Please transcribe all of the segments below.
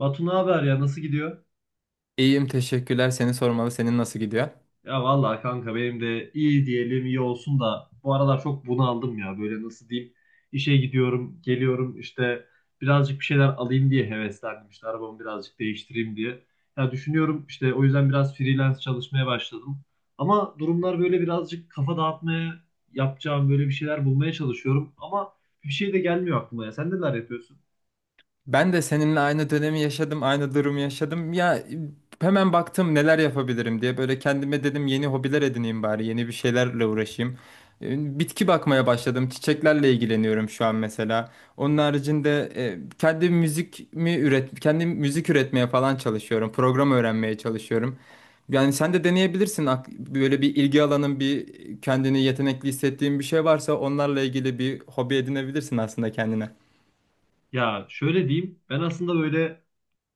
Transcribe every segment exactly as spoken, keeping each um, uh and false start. Batu, ne haber ya, nasıl gidiyor? İyiyim teşekkürler. Seni sormalı. Senin nasıl gidiyor? Ya vallahi kanka benim de iyi, diyelim iyi olsun da bu aralar çok bunaldım ya, böyle nasıl diyeyim, işe gidiyorum geliyorum işte, birazcık bir şeyler alayım diye heveslendim, işte arabamı birazcık değiştireyim diye. Ya düşünüyorum, işte o yüzden biraz freelance çalışmaya başladım ama durumlar böyle, birazcık kafa dağıtmaya yapacağım böyle bir şeyler bulmaya çalışıyorum ama bir şey de gelmiyor aklıma. Ya sen neler yapıyorsun? Ben de seninle aynı dönemi yaşadım, aynı durumu yaşadım. Ya e, hemen baktım neler yapabilirim diye. Böyle kendime dedim yeni hobiler edineyim bari, yeni bir şeylerle uğraşayım. E, Bitki bakmaya başladım. Çiçeklerle ilgileniyorum şu an mesela. Onun haricinde e, kendi müzik mi üret, kendi müzik üretmeye falan çalışıyorum. Program öğrenmeye çalışıyorum. Yani sen de deneyebilirsin. Ak- Böyle bir ilgi alanın, bir kendini yetenekli hissettiğin bir şey varsa onlarla ilgili bir hobi edinebilirsin aslında kendine. Ya şöyle diyeyim, ben aslında böyle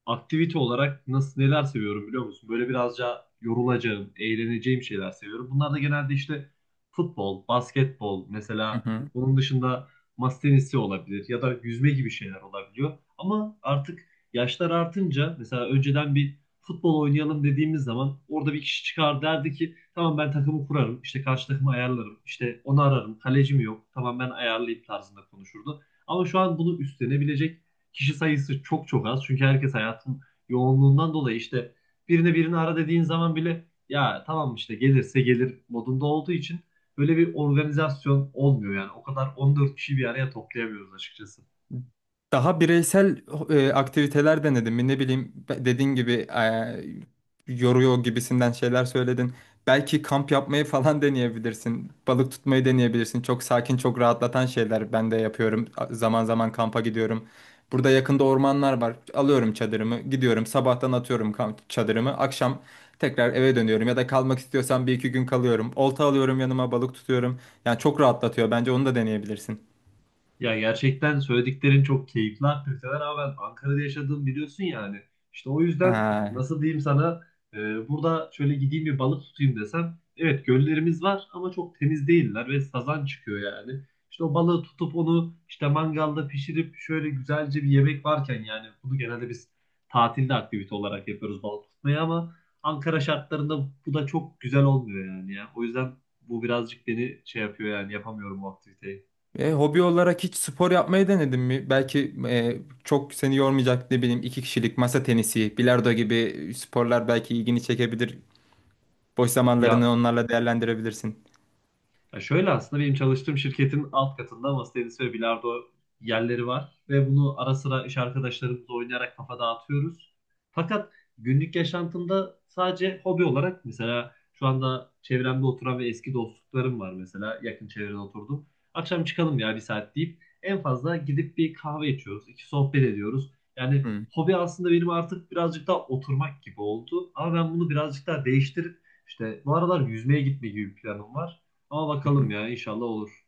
aktivite olarak nasıl, neler seviyorum biliyor musun? Böyle birazca yorulacağım, eğleneceğim şeyler seviyorum. Bunlar da genelde işte futbol, basketbol Hı mesela. hı. Onun dışında masa tenisi olabilir ya da yüzme gibi şeyler olabiliyor. Ama artık yaşlar artınca, mesela önceden bir futbol oynayalım dediğimiz zaman orada bir kişi çıkar, derdi ki tamam ben takımı kurarım, işte karşı takımı ayarlarım, işte onu ararım, kaleci mi yok, tamam ben ayarlayayım tarzında konuşurdu. Ama şu an bunu üstlenebilecek kişi sayısı çok çok az. Çünkü herkes hayatın yoğunluğundan dolayı işte birine birini ara dediğin zaman bile ya tamam işte, gelirse gelir modunda olduğu için böyle bir organizasyon olmuyor yani. O kadar on dört kişi bir araya toplayamıyoruz açıkçası. Daha bireysel e, aktiviteler denedin mi? Ne bileyim be- dediğin gibi e, yoruyor gibisinden şeyler söyledin. Belki kamp yapmayı falan deneyebilirsin. Balık tutmayı deneyebilirsin. Çok sakin, çok rahatlatan şeyler ben de yapıyorum. A- Zaman zaman kampa gidiyorum. Burada yakında ormanlar var. Alıyorum çadırımı, gidiyorum. Sabahtan atıyorum kamp çadırımı. Akşam tekrar eve dönüyorum ya da kalmak istiyorsam bir iki gün kalıyorum. Olta alıyorum yanıma, balık tutuyorum. Yani çok rahatlatıyor. Bence onu da deneyebilirsin. Ya gerçekten söylediklerin çok keyifli aktiviteler ama ben Ankara'da yaşadığım biliyorsun yani. İşte o yüzden Ha. nasıl diyeyim sana, e, burada şöyle gideyim bir balık tutayım desem, evet göllerimiz var ama çok temiz değiller ve sazan çıkıyor yani. İşte o balığı tutup onu işte mangalda pişirip şöyle güzelce bir yemek varken, yani bunu genelde biz tatilde aktivite olarak yapıyoruz, balık tutmayı, ama Ankara şartlarında bu da çok güzel olmuyor yani ya. O yüzden bu birazcık beni şey yapıyor yani, yapamıyorum bu aktiviteyi. E, hobi olarak hiç spor yapmayı denedin mi? Belki e, çok seni yormayacak ne bileyim iki kişilik masa tenisi, bilardo gibi sporlar belki ilgini çekebilir. Boş zamanlarını Ya onlarla değerlendirebilirsin. Ya şöyle, aslında benim çalıştığım şirketin alt katında masa tenisi ve bilardo yerleri var ve bunu ara sıra iş arkadaşlarımızla oynayarak kafa dağıtıyoruz. Fakat günlük yaşantımda sadece hobi olarak, mesela şu anda çevremde oturan ve eski dostluklarım var, mesela yakın çevrede oturdum. Akşam çıkalım ya bir saat deyip en fazla gidip bir kahve içiyoruz, iki sohbet ediyoruz. Yani Hı. hobi aslında benim artık birazcık daha oturmak gibi oldu ama ben bunu birazcık daha değiştirip işte bu aralar yüzmeye gitme gibi bir planım var. Ama Hı bakalım hı. ya, inşallah olur.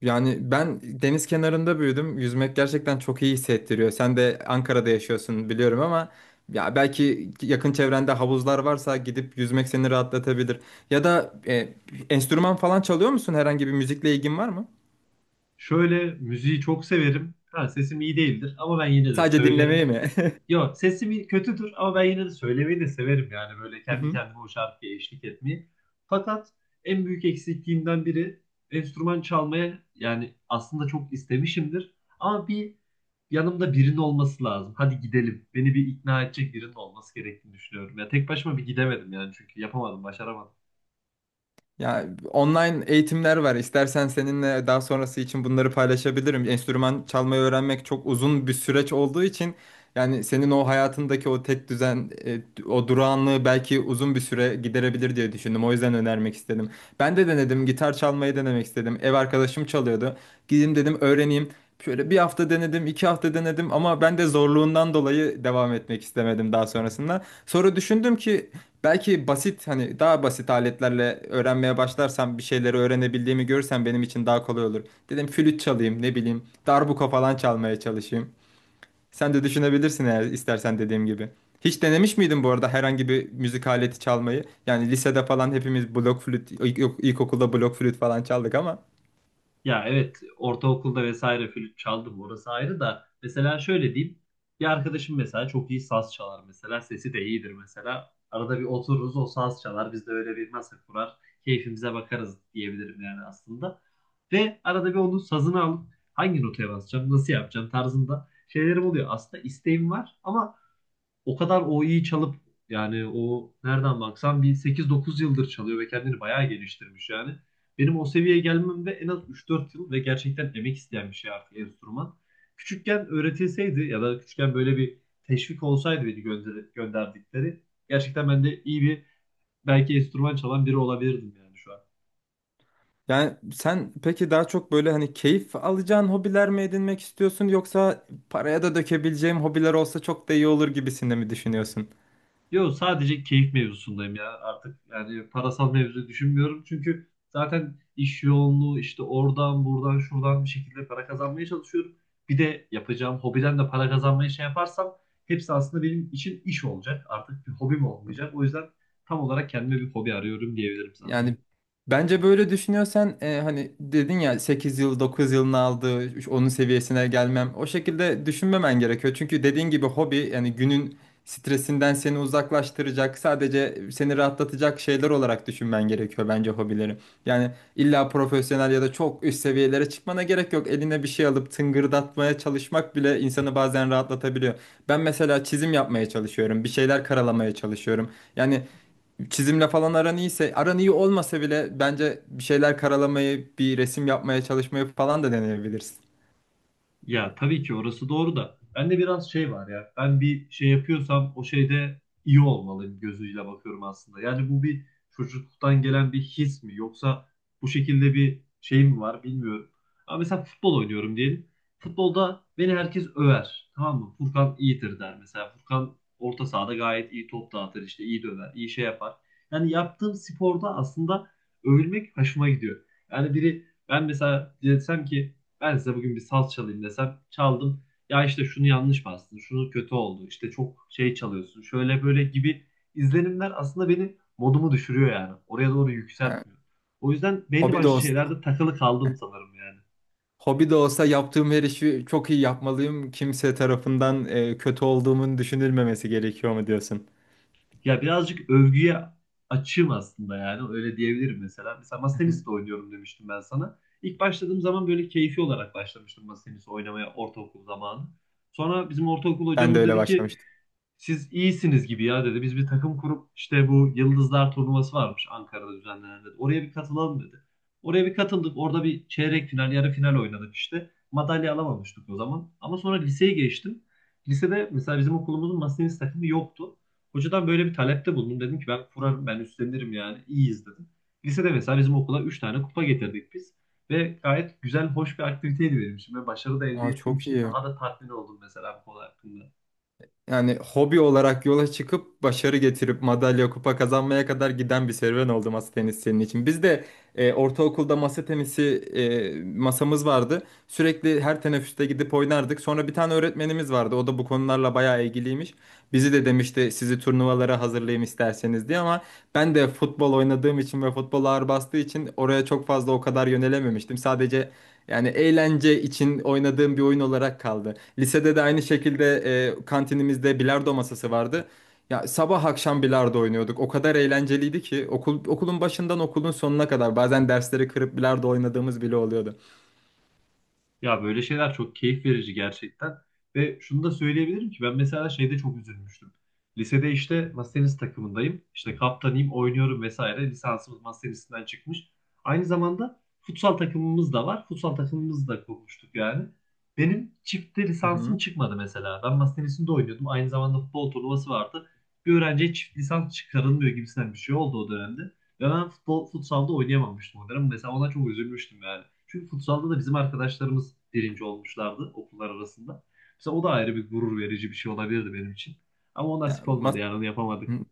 Yani ben deniz kenarında büyüdüm. Yüzmek gerçekten çok iyi hissettiriyor. Sen de Ankara'da yaşıyorsun biliyorum ama ya belki yakın çevrende havuzlar varsa gidip yüzmek seni rahatlatabilir. Ya da e, enstrüman falan çalıyor musun? Herhangi bir müzikle ilgin var mı? Şöyle, müziği çok severim. Ha, sesim iyi değildir ama ben yine de Sadece söylerim. dinlemeyi mi? Yok sesim iyi- kötüdür ama ben yine de söylemeyi de severim yani, böyle Hı kendi hı. kendime o şarkıya eşlik etmeyi. Fakat en büyük eksikliğimden biri enstrüman çalmaya, yani aslında çok istemişimdir. Ama bir yanımda birinin olması lazım. Hadi gidelim. Beni bir ikna edecek birinin olması gerektiğini düşünüyorum. Ya tek başıma bir gidemedim yani, çünkü yapamadım, başaramadım. Ya online eğitimler var. İstersen seninle daha sonrası için bunları paylaşabilirim. Enstrüman çalmayı öğrenmek çok uzun bir süreç olduğu için yani senin o hayatındaki o tek düzen, e, o durağanlığı belki uzun bir süre giderebilir diye düşündüm. O yüzden önermek istedim. Ben de denedim, gitar çalmayı denemek istedim. Ev arkadaşım çalıyordu. Gideyim dedim öğreneyim. Şöyle bir hafta denedim, iki hafta denedim ama ben de zorluğundan dolayı devam etmek istemedim daha sonrasında. Sonra düşündüm ki belki basit hani daha basit aletlerle öğrenmeye başlarsam bir şeyleri öğrenebildiğimi görürsem benim için daha kolay olur. Dedim flüt çalayım ne bileyim darbuka falan çalmaya çalışayım. Sen de düşünebilirsin eğer istersen dediğim gibi. Hiç denemiş miydin bu arada herhangi bir müzik aleti çalmayı? Yani lisede falan hepimiz blok flüt, ilk- ilkokulda blok flüt falan çaldık ama. Ya evet, ortaokulda vesaire flüt çaldım, orası ayrı, da mesela şöyle diyeyim, bir arkadaşım mesela çok iyi saz çalar, mesela sesi de iyidir, mesela arada bir otururuz, o saz çalar, biz de öyle bir masa kurar keyfimize bakarız diyebilirim yani aslında. Ve arada bir onun sazını alıp hangi notaya basacağım, nasıl yapacağım tarzında şeylerim oluyor, aslında isteğim var ama o kadar o iyi çalıp, yani o nereden baksan bir sekiz dokuz yıldır çalıyor ve kendini bayağı geliştirmiş yani. Benim o seviyeye gelmemde en az üç dört yıl ve gerçekten emek isteyen bir şey artık enstrüman. Küçükken öğretilseydi ya da küçükken böyle bir teşvik olsaydı, beni gönder gönderdikleri, gerçekten ben de iyi bir, belki enstrüman çalan biri olabilirdim yani şu an. Yani sen peki daha çok böyle hani keyif alacağın hobiler mi edinmek istiyorsun yoksa paraya da dökebileceğim hobiler olsa çok da iyi olur gibisinde mi düşünüyorsun? Yo, sadece keyif mevzusundayım ya artık, yani parasal mevzu düşünmüyorum çünkü zaten iş yoğunluğu, işte oradan buradan şuradan bir şekilde para kazanmaya çalışıyorum. Bir de yapacağım hobiden de para kazanmayı şey yaparsam, hepsi aslında benim için iş olacak, artık bir hobim olmayacak. O yüzden tam olarak kendime bir hobi arıyorum diyebilirim sana. Yani bence böyle düşünüyorsan e, hani dedin ya sekiz yıl dokuz yılını aldı onun seviyesine gelmem. O şekilde düşünmemen gerekiyor. Çünkü dediğin gibi hobi yani günün stresinden seni uzaklaştıracak, sadece seni rahatlatacak şeyler olarak düşünmen gerekiyor bence hobileri. Yani illa profesyonel ya da çok üst seviyelere çıkmana gerek yok. Eline bir şey alıp tıngırdatmaya çalışmak bile insanı bazen rahatlatabiliyor. Ben mesela çizim yapmaya çalışıyorum, bir şeyler karalamaya çalışıyorum. Yani çizimle falan aran iyiyse, aran iyi olmasa bile bence bir şeyler karalamayı, bir resim yapmaya çalışmayı falan da deneyebilirsin. Ya tabii ki orası doğru da bende biraz şey var ya, ben bir şey yapıyorsam o şeyde iyi olmalıyım gözüyle bakıyorum aslında. Yani bu bir çocukluktan gelen bir his mi, yoksa bu şekilde bir şey mi var bilmiyorum. Ama mesela futbol oynuyorum diyelim. Futbolda beni herkes över, tamam mı? Furkan iyidir der mesela. Furkan orta sahada gayet iyi top dağıtır, işte iyi döver, iyi şey yapar. Yani yaptığım sporda aslında övülmek hoşuma gidiyor. Yani biri, ben mesela desem ki ben size bugün bir saz çalayım desem, çaldım. Ya işte şunu yanlış bastın, şunu kötü oldu, işte çok şey çalıyorsun, şöyle böyle gibi izlenimler aslında beni, modumu düşürüyor yani. Oraya doğru Ha, yükseltmiyor. O yüzden belli hobi de başlı olsun. şeylerde takılı kaldım sanırım yani. Hobi de olsa yaptığım her işi çok iyi yapmalıyım. Kimse tarafından e, kötü olduğumun düşünülmemesi gerekiyor mu diyorsun? Ya birazcık övgüye açığım aslında, yani öyle diyebilirim mesela. Mesela masa tenisi de oynuyorum demiştim ben sana. İlk başladığım zaman böyle keyfi olarak başlamıştım masa tenisi oynamaya, ortaokul zamanı. Sonra bizim ortaokul Ben de hocamız öyle dedi ki başlamıştım. siz iyisiniz gibi ya dedi. Biz bir takım kurup, işte bu Yıldızlar Turnuvası varmış Ankara'da düzenlenen dedi. Oraya bir katılalım dedi. Oraya bir katıldık. Orada bir çeyrek final, yarı final oynadık işte. Madalya alamamıştık o zaman. Ama sonra liseye geçtim. Lisede mesela bizim okulumuzun masa tenisi takımı yoktu. Hocadan böyle bir talepte bulundum. Dedim ki ben kurarım, ben üstlenirim yani. İyiyiz dedim. Lisede mesela bizim okula üç tane kupa getirdik biz. Ve gayet güzel, hoş bir aktiviteydi benim için. Ve başarı da elde Aa, ettiğim çok için iyi. daha da tatmin oldum mesela bu konu hakkında. Yani hobi olarak yola çıkıp başarı getirip madalya kupa kazanmaya kadar giden bir serüven oldu masa tenisi senin için. Biz de e, ortaokulda masa tenisi e, masamız vardı. Sürekli her teneffüste gidip oynardık. Sonra bir tane öğretmenimiz vardı. O da bu konularla bayağı ilgiliymiş. Bizi de demişti sizi turnuvalara hazırlayayım isterseniz diye ama ben de futbol oynadığım için ve futbol ağır bastığı için oraya çok fazla o kadar yönelememiştim. Sadece yani eğlence için oynadığım bir oyun olarak kaldı. Lisede de aynı şekilde e, kantinimizde bilardo masası vardı. Ya sabah akşam bilardo oynuyorduk. O kadar eğlenceliydi ki okul okulun başından okulun sonuna kadar bazen dersleri kırıp bilardo oynadığımız bile oluyordu. Ya böyle şeyler çok keyif verici gerçekten. Ve şunu da söyleyebilirim ki ben mesela şeyde çok üzülmüştüm. Lisede işte masa tenisi takımındayım. İşte kaptanıyım, oynuyorum vesaire. Lisansımız masa tenisinden çıkmış. Aynı zamanda futsal takımımız da var. Futsal takımımızı da kurmuştuk yani. Benim çifte Hı lisansım hı. çıkmadı mesela. Ben masa tenisinde oynuyordum. Aynı zamanda futbol turnuvası vardı. Bir öğrenciye çift lisans çıkarılmıyor gibisinden bir şey oldu o dönemde. Ve ben futbol, futsalda oynayamamıştım o dönem. Mesela ona çok üzülmüştüm yani. Çünkü futsalda da bizim arkadaşlarımız birinci olmuşlardı okullar arasında. Mesela o da ayrı bir gurur verici bir şey olabilirdi benim için. Ama o Ya, nasip olmadı mas- yani, onu yapamadık. Hı.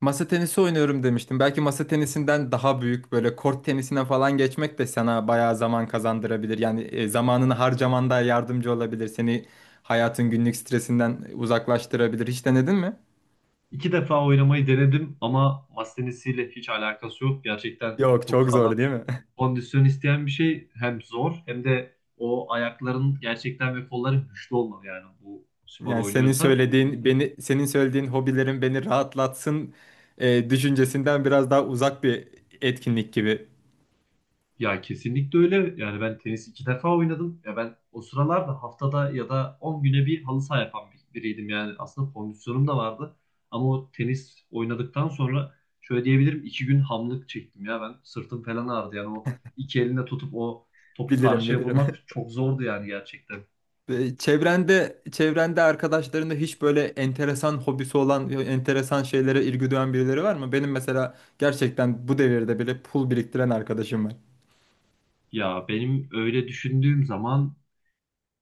Masa tenisi oynuyorum demiştim. Belki masa tenisinden daha büyük böyle kort tenisine falan geçmek de sana bayağı zaman kazandırabilir. Yani e, zamanını harcaman da yardımcı olabilir. Seni hayatın günlük stresinden uzaklaştırabilir. Hiç denedin mi? İki defa oynamayı denedim ama masa tenisiyle hiç alakası yok. Gerçekten Yok çok çok zor sağlam değil mi? kondisyon isteyen bir şey. Hem zor hem de o ayakların gerçekten ve kolların güçlü olmalı yani bu spor Yani senin oynuyorsan. söylediğin beni senin söylediğin hobilerin beni rahatlatsın e, düşüncesinden biraz daha uzak bir etkinlik gibi. Ya kesinlikle öyle. Yani ben tenis iki defa oynadım. Ya ben o sıralarda haftada ya da on güne bir halı saha yapan bir- biriydim. Yani aslında kondisyonum da vardı. Ama o tenis oynadıktan sonra şöyle diyebilirim, iki gün hamlık çektim ya ben. Sırtım falan ağrıdı. Yani o iki elinde tutup o topu Bilirim karşıya bilirim. vurmak çok zordu yani gerçekten. Ve Çevrende, çevrende arkadaşlarında hiç böyle enteresan hobisi olan, ya enteresan şeylere ilgi duyan birileri var mı? Benim mesela gerçekten bu devirde bile pul biriktiren arkadaşım var. Ya benim öyle düşündüğüm zaman,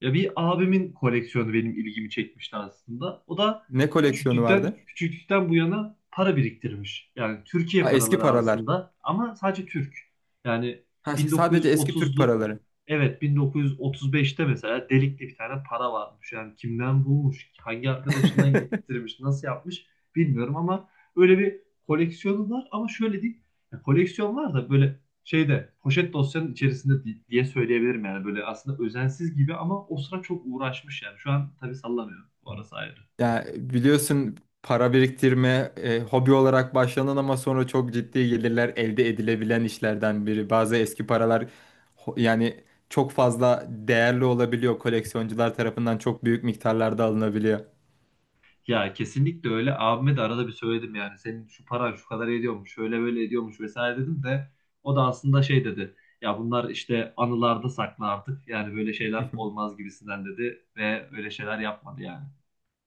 ya bir abimin koleksiyonu benim ilgimi çekmişti aslında. O da Ne koleksiyonu küçüklükten vardı? küçüklükten bu yana para biriktirmiş. Yani Türkiye Aa, eski paraları paralar. aslında, ama sadece Türk. Yani Ha, sadece eski Türk bin dokuz yüz otuzlu, paraları. evet bin dokuz yüz otuz beşte, mesela delikli bir tane para varmış. Yani kimden bulmuş, hangi arkadaşından getirmiş, nasıl yapmış bilmiyorum ama öyle bir koleksiyonu var, ama şöyle değil. Ya koleksiyon var da böyle şeyde, poşet dosyanın içerisinde di- diye söyleyebilirim yani, böyle aslında özensiz gibi ama o sıra çok uğraşmış yani, şu an tabii sallanıyor bu arası ayrı. Ya biliyorsun para biriktirme e, hobi olarak başlanan ama sonra çok ciddi gelirler elde edilebilen işlerden biri. Bazı eski paralar ho- yani çok fazla değerli olabiliyor. Koleksiyoncular tarafından çok büyük miktarlarda alınabiliyor. Ya kesinlikle öyle, abime de arada bir söyledim yani, senin şu paran şu kadar ediyormuş, şöyle böyle ediyormuş vesaire dedim de o da aslında şey dedi ya, bunlar işte anılarda saklı artık yani, böyle şeyler olmaz gibisinden dedi ve öyle şeyler yapmadı yani.